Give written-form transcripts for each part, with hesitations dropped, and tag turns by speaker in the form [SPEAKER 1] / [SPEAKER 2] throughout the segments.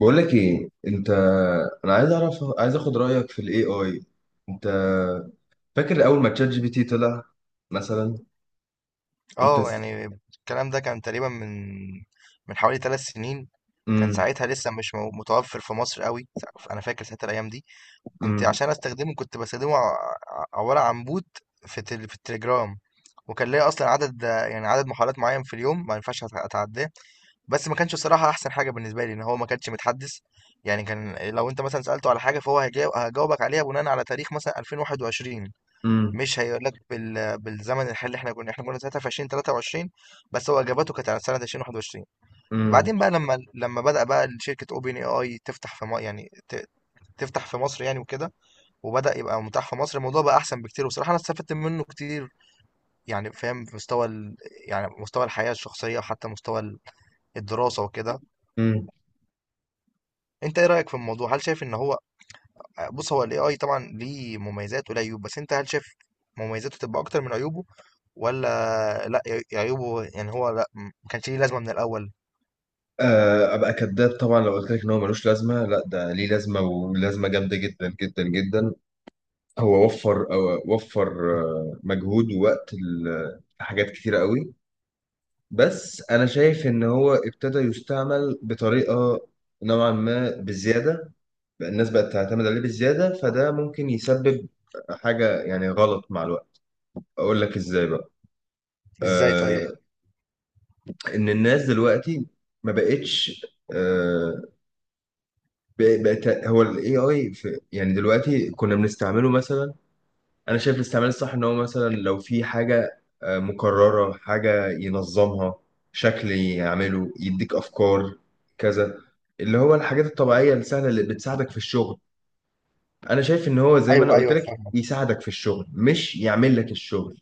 [SPEAKER 1] بقول لك ايه انت. انا عايز اعرف، عايز اخد رايك في الاي اي. انت فاكر اول ما تشات جي بي تي طلع مثلا؟ انت
[SPEAKER 2] اه
[SPEAKER 1] س...
[SPEAKER 2] يعني الكلام ده كان تقريبا من حوالي ثلاث سنين. كان
[SPEAKER 1] مم.
[SPEAKER 2] ساعتها لسه مش مو- متوفر في مصر قوي. انا فاكر ساعتها الايام دي كنت
[SPEAKER 1] مم.
[SPEAKER 2] عشان استخدمه كنت بستخدمه عباره عن بوت في التليجرام، وكان ليا اصلا عدد، يعني عدد محاولات معين في اليوم ما ينفعش اتعداه. بس ما كانش الصراحه احسن حاجه بالنسبه لي ان هو ما كانش متحدث، يعني كان لو انت مثلا سالته على حاجه فهو هجاوبك عليها بناء على تاريخ مثلا 2021،
[SPEAKER 1] مم.
[SPEAKER 2] مش هيقول لك بالزمن الحالي اللي احنا كنا ساعتها في 2023. بس هو اجابته كانت على سنه 2021.
[SPEAKER 1] مم.
[SPEAKER 2] بعدين بقى لما بدا بقى شركه اوبن اي اي تفتح في تفتح في مصر يعني وكده، وبدا يبقى متاح في مصر. الموضوع بقى احسن بكتير وبصراحه انا استفدت منه كتير، يعني فاهم في مستوى يعني مستوى الحياه الشخصيه وحتى مستوى الدراسه وكده.
[SPEAKER 1] مم.
[SPEAKER 2] انت ايه رايك في الموضوع؟ هل شايف ان هو، بص هو الاي اي طبعا ليه مميزات وليه عيوب، بس انت هل شايف مميزاته تبقى اكتر من عيوبه ولا لا، عيوبه يعني هو لا، ما كانش ليه لازمه من الاول؟
[SPEAKER 1] ابقى كذاب طبعا لو قلت لك ان هو ملوش لازمه. لا ده ليه لازمه، ولازمه جامده جدا جدا جدا. هو وفر وفر مجهود ووقت لحاجات كتيره قوي. بس انا شايف ان هو ابتدى يستعمل بطريقه نوعا ما بزياده. بقى الناس بقت تعتمد عليه بزيادة، فده ممكن يسبب حاجة يعني غلط مع الوقت. أقول لك إزاي بقى.
[SPEAKER 2] ازاي طيب؟
[SPEAKER 1] آه. إن الناس دلوقتي ما بقتش، آه، بقت هو ال AI في يعني دلوقتي كنا بنستعمله مثلا. أنا شايف الاستعمال الصح إن هو مثلا لو في حاجة آه مكررة حاجة ينظمها، شكل يعمله، يديك أفكار، كذا، اللي هو الحاجات الطبيعية السهلة اللي بتساعدك في الشغل. انا شايف ان هو زي ما انا
[SPEAKER 2] ايوه
[SPEAKER 1] قلت
[SPEAKER 2] ايوه،
[SPEAKER 1] لك،
[SPEAKER 2] فاهمك.
[SPEAKER 1] يساعدك في الشغل مش يعمل لك الشغل.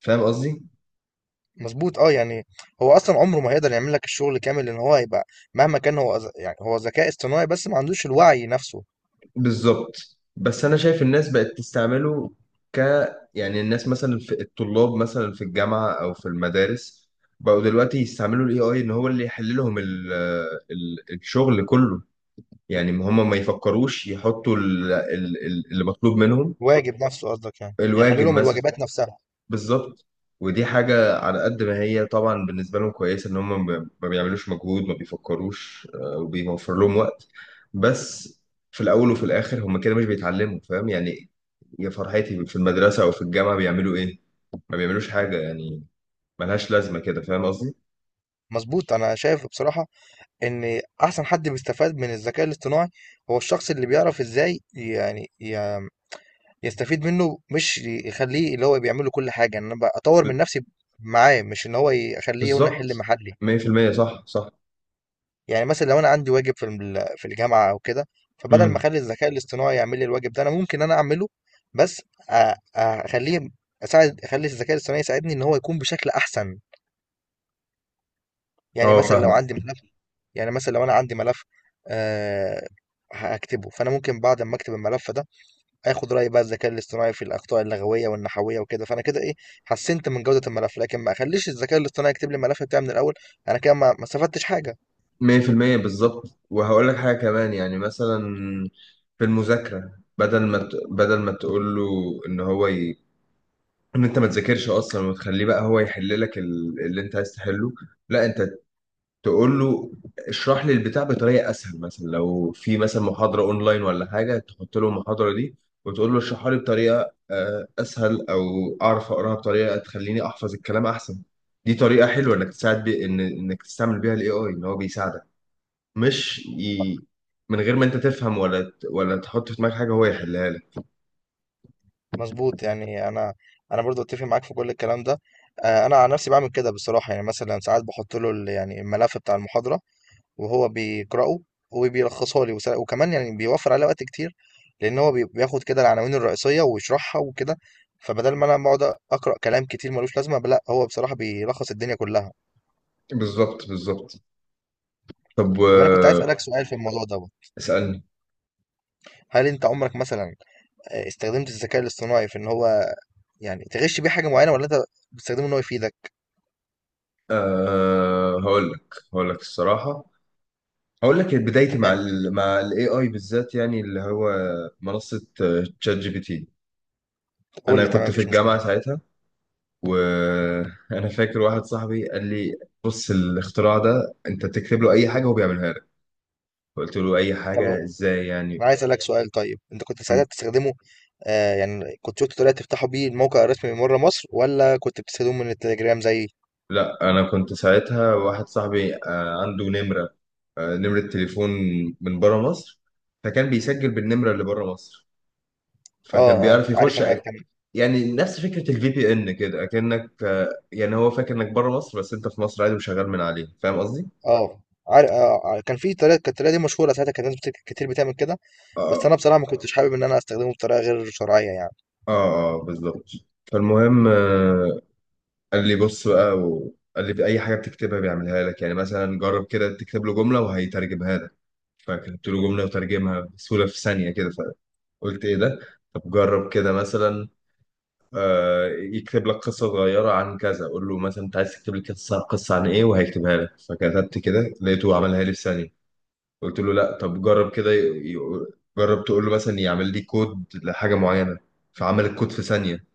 [SPEAKER 1] فاهم قصدي؟
[SPEAKER 2] مظبوط اه يعني، هو اصلا عمره ما هيقدر يعمل لك الشغل كامل لان هو هيبقى مهما كان هو يعني هو ذكاء اصطناعي بس ما عندوش الوعي نفسه.
[SPEAKER 1] بالظبط. بس انا شايف الناس بقت تستعمله ك يعني الناس مثلا، في الطلاب مثلا في الجامعه او في المدارس، بقوا دلوقتي يستعملوا الاي اي ان هو اللي يحل لهم الشغل كله. يعني هم ما يفكروش يحطوا اللي مطلوب منهم.
[SPEAKER 2] الواجب نفسه قصدك؟ يعني
[SPEAKER 1] الواجب
[SPEAKER 2] بيحللهم
[SPEAKER 1] مثلا.
[SPEAKER 2] الواجبات نفسها؟
[SPEAKER 1] بالظبط. ودي حاجة على قد ما هي طبعا بالنسبة لهم كويسة، إن هم ما بيعملوش مجهود، ما بيفكروش، وبيوفر لهم وقت. بس في الأول وفي الآخر هم كده مش بيتعلموا، فاهم يعني؟ يا فرحتي، في المدرسة أو في الجامعة بيعملوا إيه؟ ما بيعملوش حاجة يعني، ملهاش لازمة كده، فاهم قصدي؟
[SPEAKER 2] مظبوط، انا شايف بصراحه ان احسن حد بيستفاد من الذكاء الاصطناعي هو الشخص اللي بيعرف ازاي، يعني يستفيد منه، مش يخليه اللي هو بيعمل له كل حاجة. إن أنا بقى أطور
[SPEAKER 1] ب-
[SPEAKER 2] من نفسي معاه، مش إن هو أخليه هنا يحل
[SPEAKER 1] بالظبط.
[SPEAKER 2] محلي.
[SPEAKER 1] 100% صح صح.
[SPEAKER 2] يعني مثلا لو أنا عندي واجب في في الجامعة أو كده، فبدل
[SPEAKER 1] امم.
[SPEAKER 2] ما أخلي الذكاء الاصطناعي يعمل لي الواجب ده، أنا ممكن أعمله، بس أخليه أساعد، أخلي الذكاء الاصطناعي يساعدني إن هو يكون بشكل أحسن. يعني
[SPEAKER 1] اه
[SPEAKER 2] مثلا لو
[SPEAKER 1] فاهمك.
[SPEAKER 2] عندي ملف، يعني مثلا لو أنا عندي ملف أه هكتبه، فأنا ممكن بعد ما أكتب الملف ده اخد راي بقى الذكاء الاصطناعي في الاخطاء اللغويه والنحويه وكده، فانا كده ايه، حسنت من جوده الملف، لكن ما اخليش الذكاء الاصطناعي يكتب لي الملف بتاعي من الاول، انا كده ما استفدتش حاجه.
[SPEAKER 1] 100% بالظبط. وهقول لك حاجة كمان، يعني مثلا في المذاكرة، بدل ما تقول له ان هو ي... ان انت ما تذاكرش اصلا، وتخليه بقى هو يحل لك اللي انت عايز تحله. لا، انت تقول له اشرح لي البتاع بطريقه اسهل. مثلا لو في مثلا محاضره اونلاين ولا حاجه، تحط له المحاضره دي وتقول له اشرحها لي بطريقه اسهل، او اعرف اقراها بطريقه تخليني احفظ الكلام احسن. دي طريقه حلوه انك تساعد بي، ان انك تستعمل بيها الاي اي ان هو بيساعدك، مش ي... من غير ما انت تفهم ولا ولا تحط في دماغك حاجه هو يحلها لك.
[SPEAKER 2] مظبوط. يعني انا، برضو اتفق معاك في كل الكلام ده. انا عن نفسي بعمل كده بصراحه، يعني مثلا ساعات بحط له يعني الملف بتاع المحاضره وهو بيقراه وبيلخصها لي، وكمان يعني بيوفر علي وقت كتير، لان هو بياخد كده العناوين الرئيسيه ويشرحها وكده، فبدل ما انا بقعد اقرا كلام كتير ملوش لازمه، لا هو بصراحه بيلخص الدنيا كلها.
[SPEAKER 1] بالظبط بالظبط. طب
[SPEAKER 2] طب انا كنت عايز
[SPEAKER 1] و-
[SPEAKER 2] اسالك سؤال في الموضوع دوت،
[SPEAKER 1] اسالني.
[SPEAKER 2] هل انت عمرك مثلا استخدمت الذكاء الاصطناعي في ان هو يعني تغش بيه حاجه معينه، ولا انت بتستخدمه ان هو يفيدك؟
[SPEAKER 1] أه، هقول لك الصراحة. هقول لك بدايتي مع
[SPEAKER 2] تمام،
[SPEAKER 1] مع الاي اي بالذات، يعني اللي هو منصة تشات جي بي تي.
[SPEAKER 2] قول لي
[SPEAKER 1] انا
[SPEAKER 2] تمام،
[SPEAKER 1] كنت في
[SPEAKER 2] مفيش
[SPEAKER 1] الجامعة
[SPEAKER 2] مشكله.
[SPEAKER 1] ساعتها، وانا فاكر واحد صاحبي قال لي بص، الاختراع ده انت تكتب له اي حاجة هو بيعملها لك. قلت له اي
[SPEAKER 2] طب
[SPEAKER 1] حاجة، ازاي يعني؟
[SPEAKER 2] انا عايز اسالك سؤال، طيب انت كنت
[SPEAKER 1] م.
[SPEAKER 2] ساعتها بتستخدمه، آه يعني كنت شفت طريقه تفتحوا بيه الموقع الرسمي من بره مصر، ولا كنت بتستخدمه من التليجرام زي؟
[SPEAKER 1] لا انا كنت ساعتها واحد صاحبي عنده نمرة، نمرة تليفون من بره مصر، فكان بيسجل بالنمرة اللي بره مصر،
[SPEAKER 2] اه
[SPEAKER 1] فكان
[SPEAKER 2] اه،
[SPEAKER 1] بيعرف
[SPEAKER 2] عارف
[SPEAKER 1] يخش.
[SPEAKER 2] انا كان،
[SPEAKER 1] يعني نفس فكرة الفي بي ان كده، اكنك يعني هو فاكر انك بره مصر بس انت في مصر عادي وشغال من عليه. فاهم قصدي؟
[SPEAKER 2] اه عارف آه آه، كان في طريقه، كانت الطريقه دي مشهوره ساعتها، كانت ناس كتير بتعمل كده، بس
[SPEAKER 1] اه
[SPEAKER 2] انا بصراحه ما كنتش حابب ان انا استخدمه بطريقه غير شرعيه يعني.
[SPEAKER 1] اه اه بالظبط. فالمهم قال لي بص بقى، وقال لي في اي حاجة بتكتبها بيعملها لك، يعني مثلا جرب كده تكتب له جملة وهيترجمها لك. فكتبت له جملة وترجمها بسهولة في ثانية كده. فقلت ايه ده؟ طب جرب كده مثلا يكتب لك قصة صغيرة عن كذا، قول له مثلا انت عايز تكتب لي قصة عن ايه، وهيكتبها لك. فكتبت كده لقيته عملها لي في ثانية. قلت له لا، طب جرب كده جرب تقول له مثلا يعمل لي كود لحاجه معينه. فعمل الكود في ثانيه.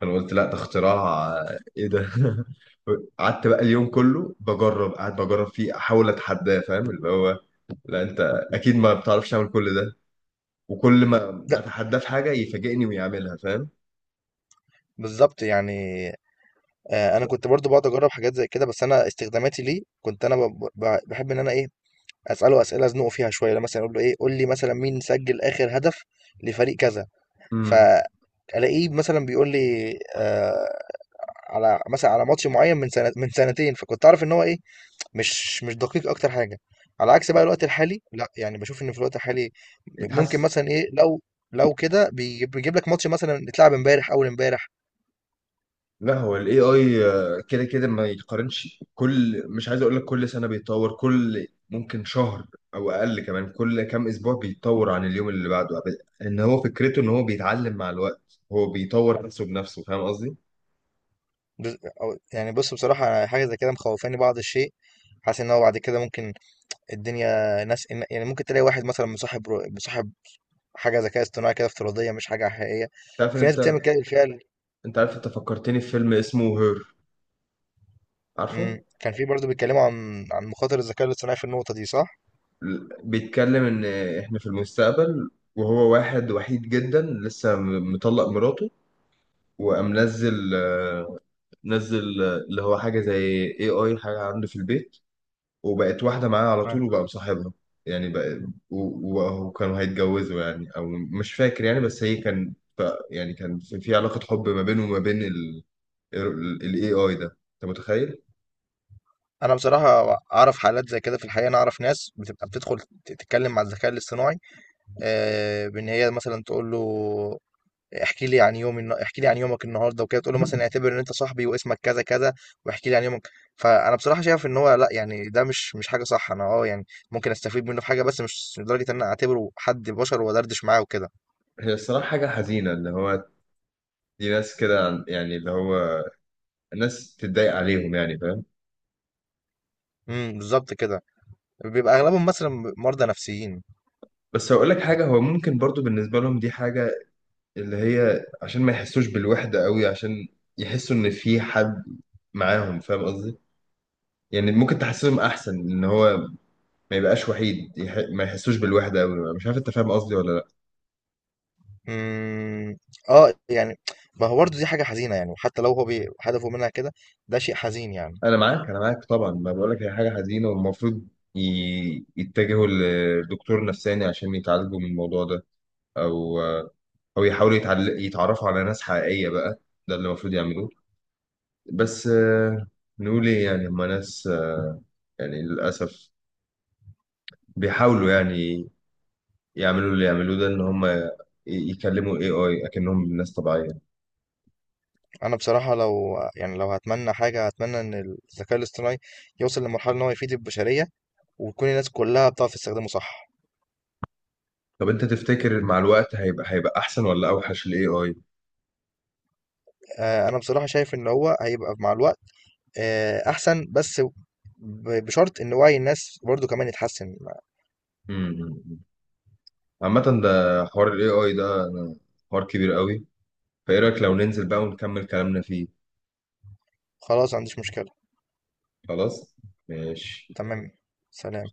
[SPEAKER 1] فانا قلت لا، ده اختراع. ايه ده؟ قعدت بقى اليوم كله بجرب، قاعد بجرب فيه احاول اتحداه، فاهم؟ اللي هو لا انت اكيد ما بتعرفش تعمل كل ده. وكل ما
[SPEAKER 2] لا،
[SPEAKER 1] اتحداه في حاجه يفاجئني ويعملها، فاهم؟
[SPEAKER 2] بالظبط يعني. انا كنت برضو بقعد اجرب حاجات زي كده، بس انا استخداماتي ليه، كنت انا بحب ان انا ايه، اساله اسئله ازنقه فيها شويه. لو مثلا اقول له ايه، قول لي مثلا مين سجل اخر هدف لفريق كذا،
[SPEAKER 1] امم
[SPEAKER 2] فالاقيه مثلا بيقول لي آه على مثلا على ماتش معين من سنه، من سنتين، فكنت اعرف ان هو ايه، مش دقيق اكتر حاجه. على عكس بقى الوقت الحالي، لا يعني بشوف ان في الوقت الحالي ممكن
[SPEAKER 1] اتحسن.
[SPEAKER 2] مثلا ايه، لو كده بيجيب لك ماتش مثلا اتلعب امبارح اول امبارح.
[SPEAKER 1] لا، هو الاي اي كده كده ما يتقارنش. كل، مش عايز اقول لك كل سنه بيتطور، كل ممكن شهر او اقل كمان، كل كام اسبوع بيتطور عن اليوم اللي بعده. ان هو فكرته ان هو بيتعلم مع الوقت، هو بيطور نفسه بنفسه. فاهم قصدي؟
[SPEAKER 2] يعني بص بصراحة، أنا حاجة زي كده مخوفاني بعض الشيء. حاسس ان هو بعد كده ممكن الدنيا ناس، يعني ممكن تلاقي واحد مثلا مصاحب حاجة ذكاء اصطناعي كده افتراضية، مش حاجة حقيقية.
[SPEAKER 1] تعرف ان
[SPEAKER 2] في ناس
[SPEAKER 1] انت،
[SPEAKER 2] بتعمل كده بالفعل.
[SPEAKER 1] انت عارف انت فكرتني في فيلم اسمه هير؟ عارفه؟
[SPEAKER 2] كان في برضه بيتكلموا عن مخاطر الذكاء الاصطناعي في النقطة دي صح؟
[SPEAKER 1] بيتكلم ان احنا في المستقبل، وهو واحد وحيد جدا، لسه مطلق مراته، وقام نزل نزل اللي هو حاجه زي اي اي حاجه عنده في البيت، وبقت واحدة معاه على
[SPEAKER 2] ما،
[SPEAKER 1] طول وبقى مصاحبها. يعني بقى وكانوا هيتجوزوا يعني، أو مش فاكر يعني، بس هي كان ف، يعني كان في في علاقة حب ما بينه وما بين ال AI ده. أنت متخيل؟
[SPEAKER 2] انا بصراحه اعرف حالات زي كده في الحقيقه. انا اعرف ناس بتبقى بتدخل تتكلم مع الذكاء الاصطناعي، بان هي مثلا تقول له احكي لي عن احكي لي عن يومك النهارده وكده، تقول له مثلا اعتبر ان انت صاحبي واسمك كذا كذا واحكي لي عن يومك. فانا بصراحه شايف ان هو لا، يعني ده مش حاجه صح. انا اه يعني ممكن استفيد منه في حاجه، بس مش لدرجه ان انا اعتبره حد بشر وادردش معاه وكده.
[SPEAKER 1] هي الصراحة حاجة حزينة، اللي هو دي ناس كده يعني اللي هو ناس تتضايق عليهم يعني، فاهم؟
[SPEAKER 2] امم، بالظبط كده. بيبقى اغلبهم مثلا مرضى نفسيين.
[SPEAKER 1] بس هقول لك حاجة، هو ممكن برضو بالنسبة لهم دي حاجة اللي هي عشان ما يحسوش بالوحدة قوي، عشان يحسوا إن في حد معاهم، فاهم قصدي؟ يعني ممكن تحسسهم أحسن إن هو ما يبقاش وحيد، ما يحسوش بالوحده قوي. مش عارف انت فاهم قصدي ولا لا؟
[SPEAKER 2] امم اه يعني، ما هو برضه دي حاجه حزينه يعني، وحتى لو هو هدفه منها كده، ده شيء حزين يعني.
[SPEAKER 1] انا معاك انا معاك طبعا، ما بقول لك هي حاجه حزينه، والمفروض يتجهوا لدكتور نفساني عشان يتعالجوا من الموضوع ده، او يحاولوا يتعرفوا على ناس حقيقيه بقى. ده اللي المفروض يعملوه. بس نقول ايه يعني، هما ناس يعني للاسف بيحاولوا يعني يعملوا اللي يعملوه ده، ان هما يكلموا الاي اي اكنهم ناس طبيعيه.
[SPEAKER 2] انا بصراحه لو يعني، لو هتمنى حاجه هتمنى ان الذكاء الاصطناعي يوصل لمرحله ان هو يفيد البشريه، وتكون الناس كلها بتعرف تستخدمه صح.
[SPEAKER 1] طب انت تفتكر مع الوقت هيبقى، هيبقى احسن ولا اوحش الاي اي؟
[SPEAKER 2] انا بصراحه شايف ان هو هيبقى مع الوقت احسن، بس بشرط ان وعي الناس برضو كمان يتحسن.
[SPEAKER 1] امم عامة، ده حوار ال AI ده، حوار كبير قوي. فايه رأيك لو ننزل بقى ونكمل كلامنا فيه؟
[SPEAKER 2] خلاص، ما عنديش مشكله.
[SPEAKER 1] خلاص ماشي.
[SPEAKER 2] تمام. سلام.